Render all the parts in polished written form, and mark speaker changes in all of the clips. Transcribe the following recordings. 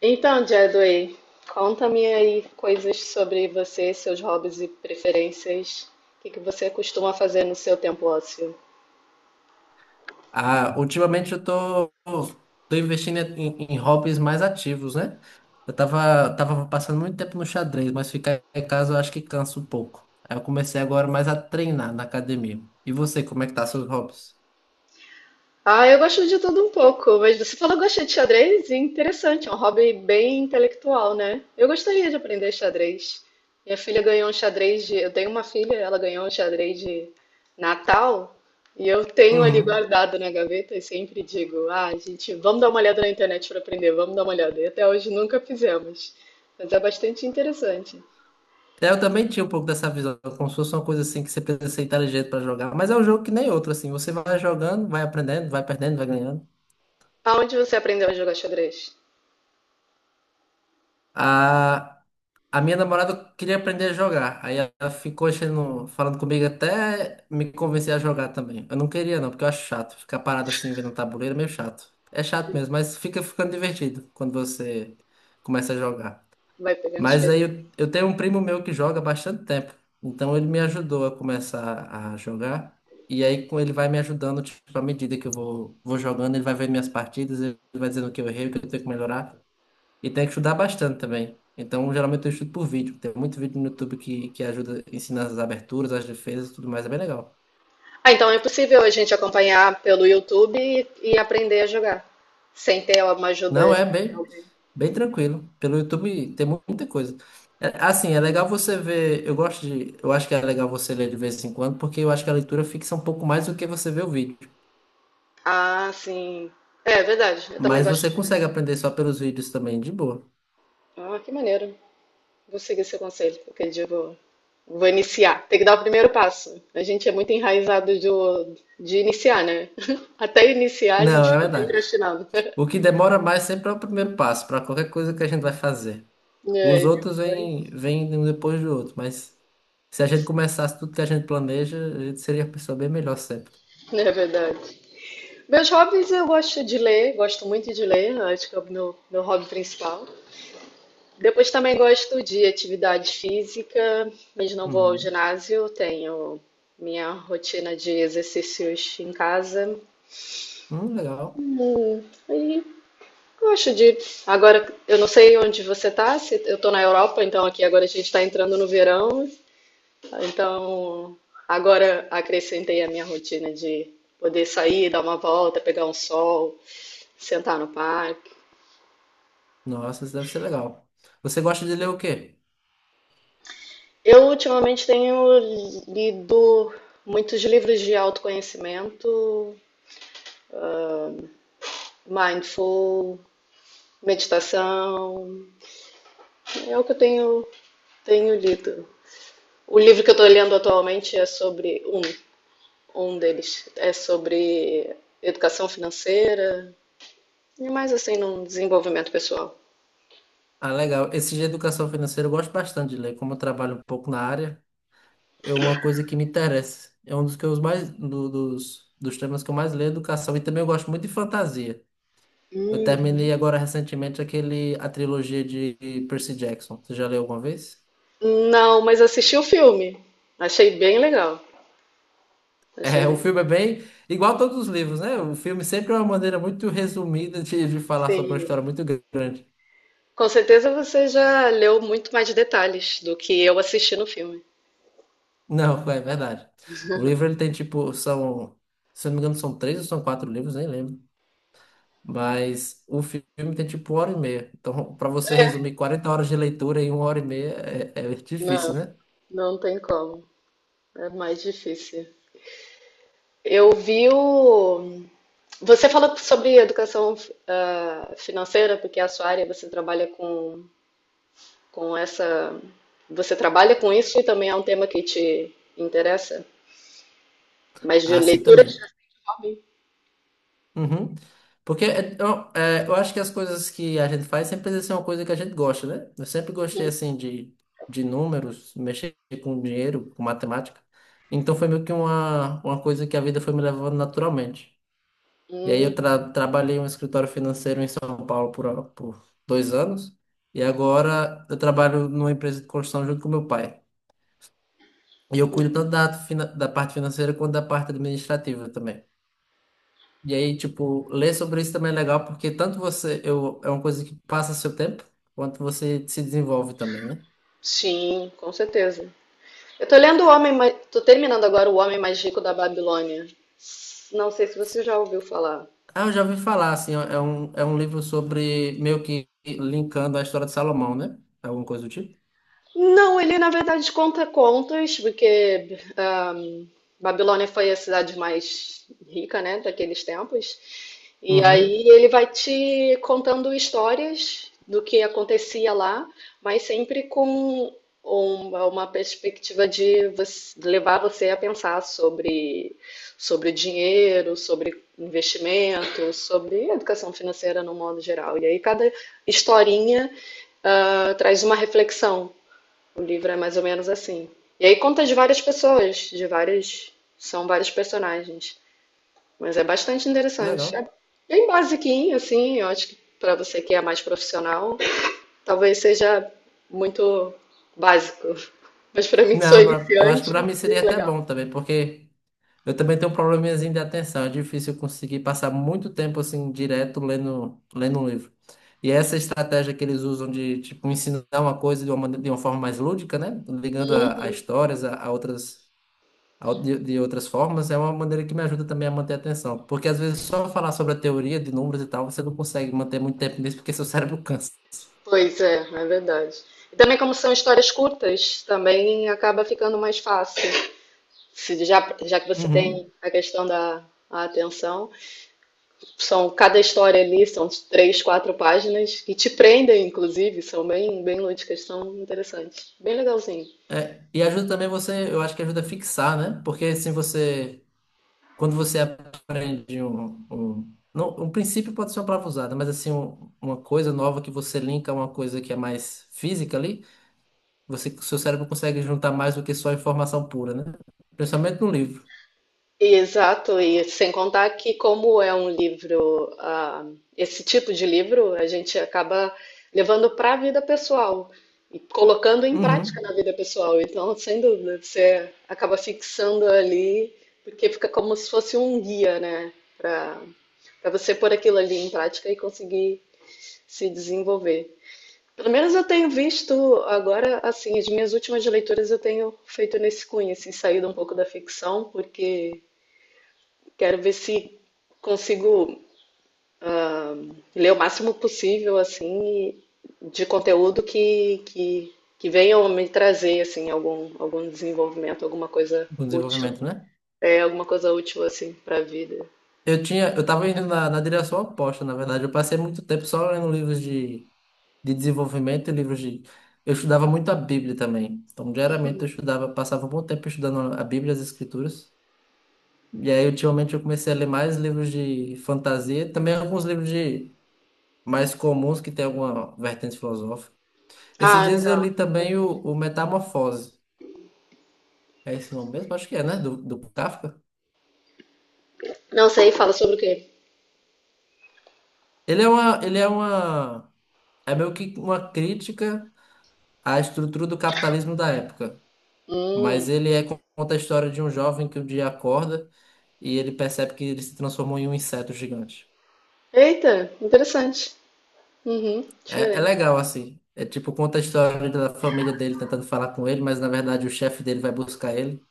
Speaker 1: Então, Jadway, conta-me aí coisas sobre você, seus hobbies e preferências. O que que você costuma fazer no seu tempo ósseo?
Speaker 2: Ah, ultimamente eu tô investindo em hobbies mais ativos, né? Eu tava passando muito tempo no xadrez, mas ficar em casa eu acho que cansa um pouco. Aí eu comecei agora mais a treinar na academia. E você, como é que tá seus hobbies?
Speaker 1: Ah, eu gosto de tudo um pouco, mas você falou que gosta de xadrez? Interessante, é um hobby bem intelectual, né? Eu gostaria de aprender xadrez. Minha filha ganhou um xadrez de. Eu tenho uma filha, ela ganhou um xadrez de Natal e eu tenho ali
Speaker 2: Uhum.
Speaker 1: guardado na gaveta e sempre digo: ah, gente, vamos dar uma olhada na internet para aprender, vamos dar uma olhada. E até hoje nunca fizemos, mas é bastante interessante.
Speaker 2: É, eu também tinha um pouco dessa visão, como se fosse uma coisa assim que você precisa ser inteligente pra jogar, mas é um jogo que nem outro, assim, você vai jogando, vai aprendendo, vai perdendo, vai ganhando.
Speaker 1: Aonde você aprendeu a jogar xadrez?
Speaker 2: Ah, a minha namorada queria aprender a jogar. Aí ela ficou achando, falando comigo até me convencer a jogar também. Eu não queria não, porque eu acho chato. Ficar parado assim vendo um tabuleiro é meio chato. É chato mesmo, mas ficando divertido quando você começa a jogar.
Speaker 1: Vai pegando
Speaker 2: Mas aí
Speaker 1: experiência.
Speaker 2: eu tenho um primo meu que joga há bastante tempo. Então ele me ajudou a começar a jogar. E aí com ele vai me ajudando, tipo, à medida que eu vou jogando, ele vai vendo minhas partidas, ele vai dizendo o que eu errei, o que eu tenho que melhorar. E tem que estudar bastante também. Então, geralmente eu estudo por vídeo. Tem muito vídeo no YouTube que ajuda, ensina as aberturas, as defesas e tudo mais. É bem legal.
Speaker 1: Ah, então é possível a gente acompanhar pelo YouTube e aprender a jogar, sem ter uma
Speaker 2: Não,
Speaker 1: ajuda
Speaker 2: é
Speaker 1: de
Speaker 2: bem,
Speaker 1: alguém.
Speaker 2: bem tranquilo. Pelo YouTube tem muita coisa. É, assim, é legal você ver. Eu gosto de. Eu acho que é legal você ler de vez em quando, porque eu acho que a leitura fixa um pouco mais do que você vê o vídeo.
Speaker 1: Ah, sim. É verdade, eu também
Speaker 2: Mas
Speaker 1: gosto
Speaker 2: você
Speaker 1: de jogar.
Speaker 2: consegue aprender só pelos vídeos também, de boa.
Speaker 1: Ah, que maneiro. Vou seguir seu conselho, porque eu digo, vou iniciar. Tem que dar o primeiro passo. A gente é muito enraizado de iniciar, né? Até iniciar a
Speaker 2: Não,
Speaker 1: gente
Speaker 2: é
Speaker 1: fica
Speaker 2: verdade.
Speaker 1: procrastinando.
Speaker 2: O que demora mais sempre é o primeiro passo, para qualquer coisa que a gente vai fazer.
Speaker 1: É, e
Speaker 2: Os
Speaker 1: aí,
Speaker 2: outros vêm,
Speaker 1: depois.
Speaker 2: vêm um depois do outro, mas se a gente começasse tudo que a gente planeja, a gente seria uma pessoa bem melhor sempre.
Speaker 1: É verdade. Meus hobbies, eu gosto de ler, gosto muito de ler, acho que é o meu hobby principal. Depois também gosto de atividade física, mas não vou ao
Speaker 2: Uhum.
Speaker 1: ginásio, tenho minha rotina de exercícios em casa.
Speaker 2: Legal.
Speaker 1: Hum, e gosto de. Agora, eu não sei onde você está. Eu estou na Europa, então aqui agora a gente está entrando no verão, então agora acrescentei a minha rotina de poder sair, dar uma volta, pegar um sol, sentar no parque.
Speaker 2: Nossa, isso deve ser legal. Você gosta de ler o quê?
Speaker 1: Eu ultimamente tenho lido muitos livros de autoconhecimento, mindful, meditação. É o que tenho lido. O livro que eu estou lendo atualmente é sobre um deles é sobre educação financeira e mais assim num desenvolvimento pessoal.
Speaker 2: Ah, legal. Esse de educação financeira eu gosto bastante de ler, como eu trabalho um pouco na área, é uma coisa que me interessa. É um dos que eu mais dos temas que eu mais leio, é educação, e também eu gosto muito de fantasia. Eu
Speaker 1: Hum.
Speaker 2: terminei agora recentemente aquele a trilogia de Percy Jackson. Você já leu alguma vez?
Speaker 1: Não, mas assisti o filme. Achei bem legal. Achei
Speaker 2: É, o
Speaker 1: bem
Speaker 2: filme é
Speaker 1: legal.
Speaker 2: bem igual a todos os livros, né? O filme sempre é uma maneira muito resumida de falar sobre uma
Speaker 1: Sim.
Speaker 2: história muito grande.
Speaker 1: Com certeza você já leu muito mais detalhes do que eu assisti no filme.
Speaker 2: Não, é verdade. O livro ele tem tipo, são, se eu não me engano, são três ou são quatro livros, nem lembro. Mas o filme tem tipo 1 hora e meia. Então, para você
Speaker 1: É,
Speaker 2: resumir 40 horas de leitura em 1 hora e meia é, é difícil,
Speaker 1: não,
Speaker 2: né?
Speaker 1: não tem como. É mais difícil. Eu vi o. Você fala sobre educação, financeira, porque é a sua área, você trabalha com essa. Você trabalha com isso e também é um tema que te interessa? Mas de
Speaker 2: Assim
Speaker 1: leitura de
Speaker 2: também.
Speaker 1: hobby?
Speaker 2: Uhum. Porque é, eu acho que as coisas que a gente faz sempre precisa ser uma coisa que a gente gosta, né? Eu sempre gostei, assim, de números, mexer com dinheiro, com matemática. Então foi meio que uma coisa que a vida foi me levando naturalmente. E aí eu
Speaker 1: Uhum,
Speaker 2: trabalhei em um escritório financeiro em São Paulo por 2 anos. E agora eu trabalho numa empresa de construção junto com meu pai. E eu cuido tanto da, da parte financeira quanto da parte administrativa também. E aí, tipo, ler sobre isso também é legal, porque tanto você, eu, é uma coisa que passa seu tempo, quanto você se desenvolve também, né?
Speaker 1: sim, com certeza. Eu tô lendo o tô terminando agora O Homem Mais Rico da Babilônia. Não sei se você já ouviu falar.
Speaker 2: Ah, eu já ouvi falar, assim, é um livro sobre, meio que linkando a história de Salomão, né? Alguma coisa do tipo.
Speaker 1: Não, ele na verdade conta contos, porque Babilônia foi a cidade mais rica, né, daqueles tempos. E
Speaker 2: Uhum,
Speaker 1: aí ele vai te contando histórias do que acontecia lá, mas sempre com uma perspectiva de levar você a pensar sobre, sobre dinheiro, sobre investimento, sobre educação financeira no modo geral. E aí cada historinha, traz uma reflexão. O livro é mais ou menos assim. E aí conta de várias pessoas, de várias. São vários personagens. Mas é bastante
Speaker 2: que
Speaker 1: interessante.
Speaker 2: legal.
Speaker 1: É bem basiquinho, assim. Eu acho que para você que é mais profissional, talvez seja muito básico. Mas para mim que sou
Speaker 2: Não, pra- eu acho que
Speaker 1: iniciante,
Speaker 2: pra mim seria
Speaker 1: é
Speaker 2: até
Speaker 1: legal.
Speaker 2: bom também, porque eu também tenho um probleminhazinho de atenção. É difícil eu conseguir passar muito tempo assim direto lendo, lendo um livro. E é essa estratégia que eles usam de tipo ensinar uma coisa de uma, de uma forma mais lúdica, né? Ligando a
Speaker 1: Uhum.
Speaker 2: histórias a outras de outras formas, é uma maneira que me ajuda também a manter a atenção. Porque às vezes só falar sobre a teoria de números e tal, você não consegue manter muito tempo nisso porque seu cérebro cansa.
Speaker 1: Pois é, é verdade. E também como são histórias curtas, também acaba ficando mais fácil. Se já, já que você
Speaker 2: Uhum.
Speaker 1: tem a questão da a atenção, são, cada história ali são três, quatro páginas e te prendem, inclusive, são bem, bem lúdicas, são interessantes, bem legalzinho.
Speaker 2: É, e ajuda também você, eu acho que ajuda a fixar, né? Porque se você quando você aprende não, um princípio pode ser uma palavra usada, mas assim, uma coisa nova que você linka a uma coisa que é mais física ali, você, seu cérebro consegue juntar mais do que só informação pura, né? Principalmente no livro.
Speaker 1: Exato, e sem contar que como é um livro, esse tipo de livro, a gente acaba levando para a vida pessoal e colocando em prática
Speaker 2: Uhum.
Speaker 1: na vida pessoal. Então, sem dúvida, você acaba fixando ali, porque fica como se fosse um guia, né, para para você pôr aquilo ali em prática e conseguir se desenvolver. Pelo menos eu tenho visto agora, assim, as minhas últimas leituras eu tenho feito nesse cunho, assim, saído um pouco da ficção, porque quero ver se consigo ler o máximo possível, assim, e de conteúdo que venha me trazer, assim, algum desenvolvimento, alguma coisa
Speaker 2: No
Speaker 1: útil.
Speaker 2: desenvolvimento, né?
Speaker 1: É, alguma coisa útil, assim, para a vida.
Speaker 2: Eu tinha, eu tava indo na direção oposta, na verdade. Eu passei muito tempo só lendo livros de desenvolvimento e livros de. Eu estudava muito a Bíblia também. Então, diariamente eu estudava, passava um bom tempo estudando a Bíblia e as Escrituras. E aí, ultimamente, eu comecei a ler mais livros de fantasia, também alguns livros de mais comuns que tem alguma vertente filosófica. Esses
Speaker 1: Ah,
Speaker 2: dias eu
Speaker 1: legal.
Speaker 2: li também o Metamorfose. É esse nome mesmo? Acho que é, né? Do Kafka.
Speaker 1: Não sei, fala sobre o quê?
Speaker 2: Ele é uma, ele é uma, é meio que uma crítica à estrutura do capitalismo da época.
Speaker 1: Hum.
Speaker 2: Mas ele conta a história de um jovem que um dia acorda e ele percebe que ele se transformou em um inseto gigante.
Speaker 1: Eita, interessante. Uhum,
Speaker 2: É, é
Speaker 1: diferente.
Speaker 2: legal, assim. É tipo, conta a história da família dele tentando falar com ele, mas na verdade o chefe dele vai buscar ele.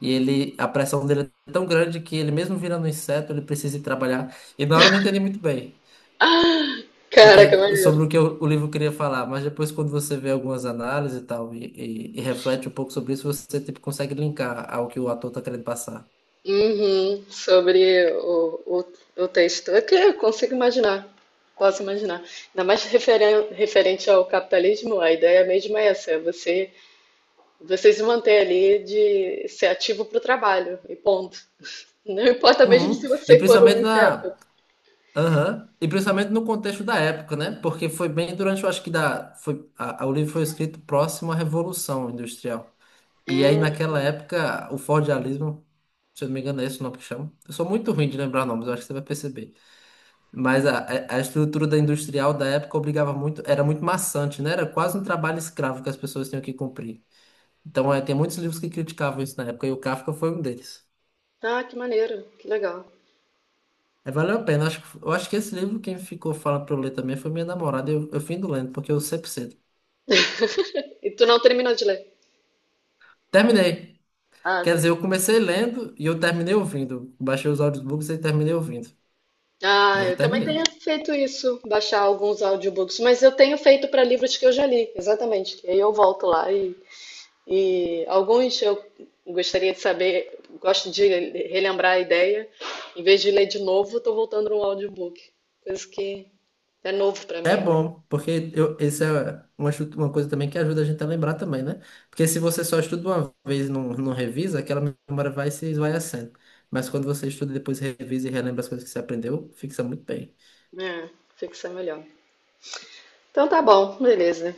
Speaker 2: E ele, a pressão dele é tão grande que ele, mesmo virando um inseto, ele precisa ir trabalhar. E na hora eu não entendi muito bem
Speaker 1: Ah,
Speaker 2: o que
Speaker 1: caraca,
Speaker 2: é-
Speaker 1: maneiro.
Speaker 2: sobre o que o, o livro queria falar, mas depois, quando você vê algumas análises e tal, e reflete um pouco sobre isso, você tipo, consegue linkar ao que o ator tá querendo passar.
Speaker 1: Uhum, sobre o texto. É que eu consigo imaginar, posso imaginar. Ainda mais referente ao capitalismo, a ideia mesmo é essa, é você, você se manter ali de ser ativo para o trabalho, e ponto. Não importa mesmo
Speaker 2: Uhum.
Speaker 1: se
Speaker 2: E
Speaker 1: você for um
Speaker 2: principalmente
Speaker 1: inseto.
Speaker 2: na. Aham. E principalmente no contexto da época, né? Porque foi bem durante, eu acho que da, foi, a- o livro foi escrito próximo à Revolução Industrial. E aí, naquela
Speaker 1: Hum,
Speaker 2: época, o fordialismo, se eu não me engano, é esse o nome que chama. Eu sou muito ruim de lembrar nomes, eu acho que você vai perceber. Mas a, a estrutura da industrial da época obrigava muito, era muito maçante, né? Era quase um trabalho escravo que as pessoas tinham que cumprir. Então, é, tem muitos livros que criticavam isso na época, e o Kafka foi um deles.
Speaker 1: ah, que maneiro, que legal.
Speaker 2: É, valeu a pena. Eu acho que esse livro, quem ficou falando pra eu ler também foi minha namorada. Eu fui indo lendo, porque eu sempre cedo.
Speaker 1: E tu não terminou de ler?
Speaker 2: Terminei.
Speaker 1: Ah,
Speaker 2: Quer dizer,
Speaker 1: sim.
Speaker 2: eu comecei lendo e eu terminei ouvindo. Baixei os audiobooks e terminei ouvindo.
Speaker 1: Ah,
Speaker 2: Mas eu
Speaker 1: eu também tenho
Speaker 2: terminei.
Speaker 1: feito isso, baixar alguns audiobooks, mas eu tenho feito para livros que eu já li, exatamente. Que aí eu volto lá e alguns eu gostaria de saber, gosto de relembrar a ideia. Em vez de ler de novo, estou voltando no audiobook, coisa que é novo para
Speaker 2: É
Speaker 1: mim agora.
Speaker 2: bom, porque eu, isso é uma, uma coisa também que ajuda a gente a lembrar também, né? Porque se você só estuda uma vez e não, não revisa, aquela memória vai se esvaiecendo. Mas quando você estuda e depois revisa e relembra as coisas que você aprendeu, fixa muito bem.
Speaker 1: É, fixa melhor. Então tá bom, beleza.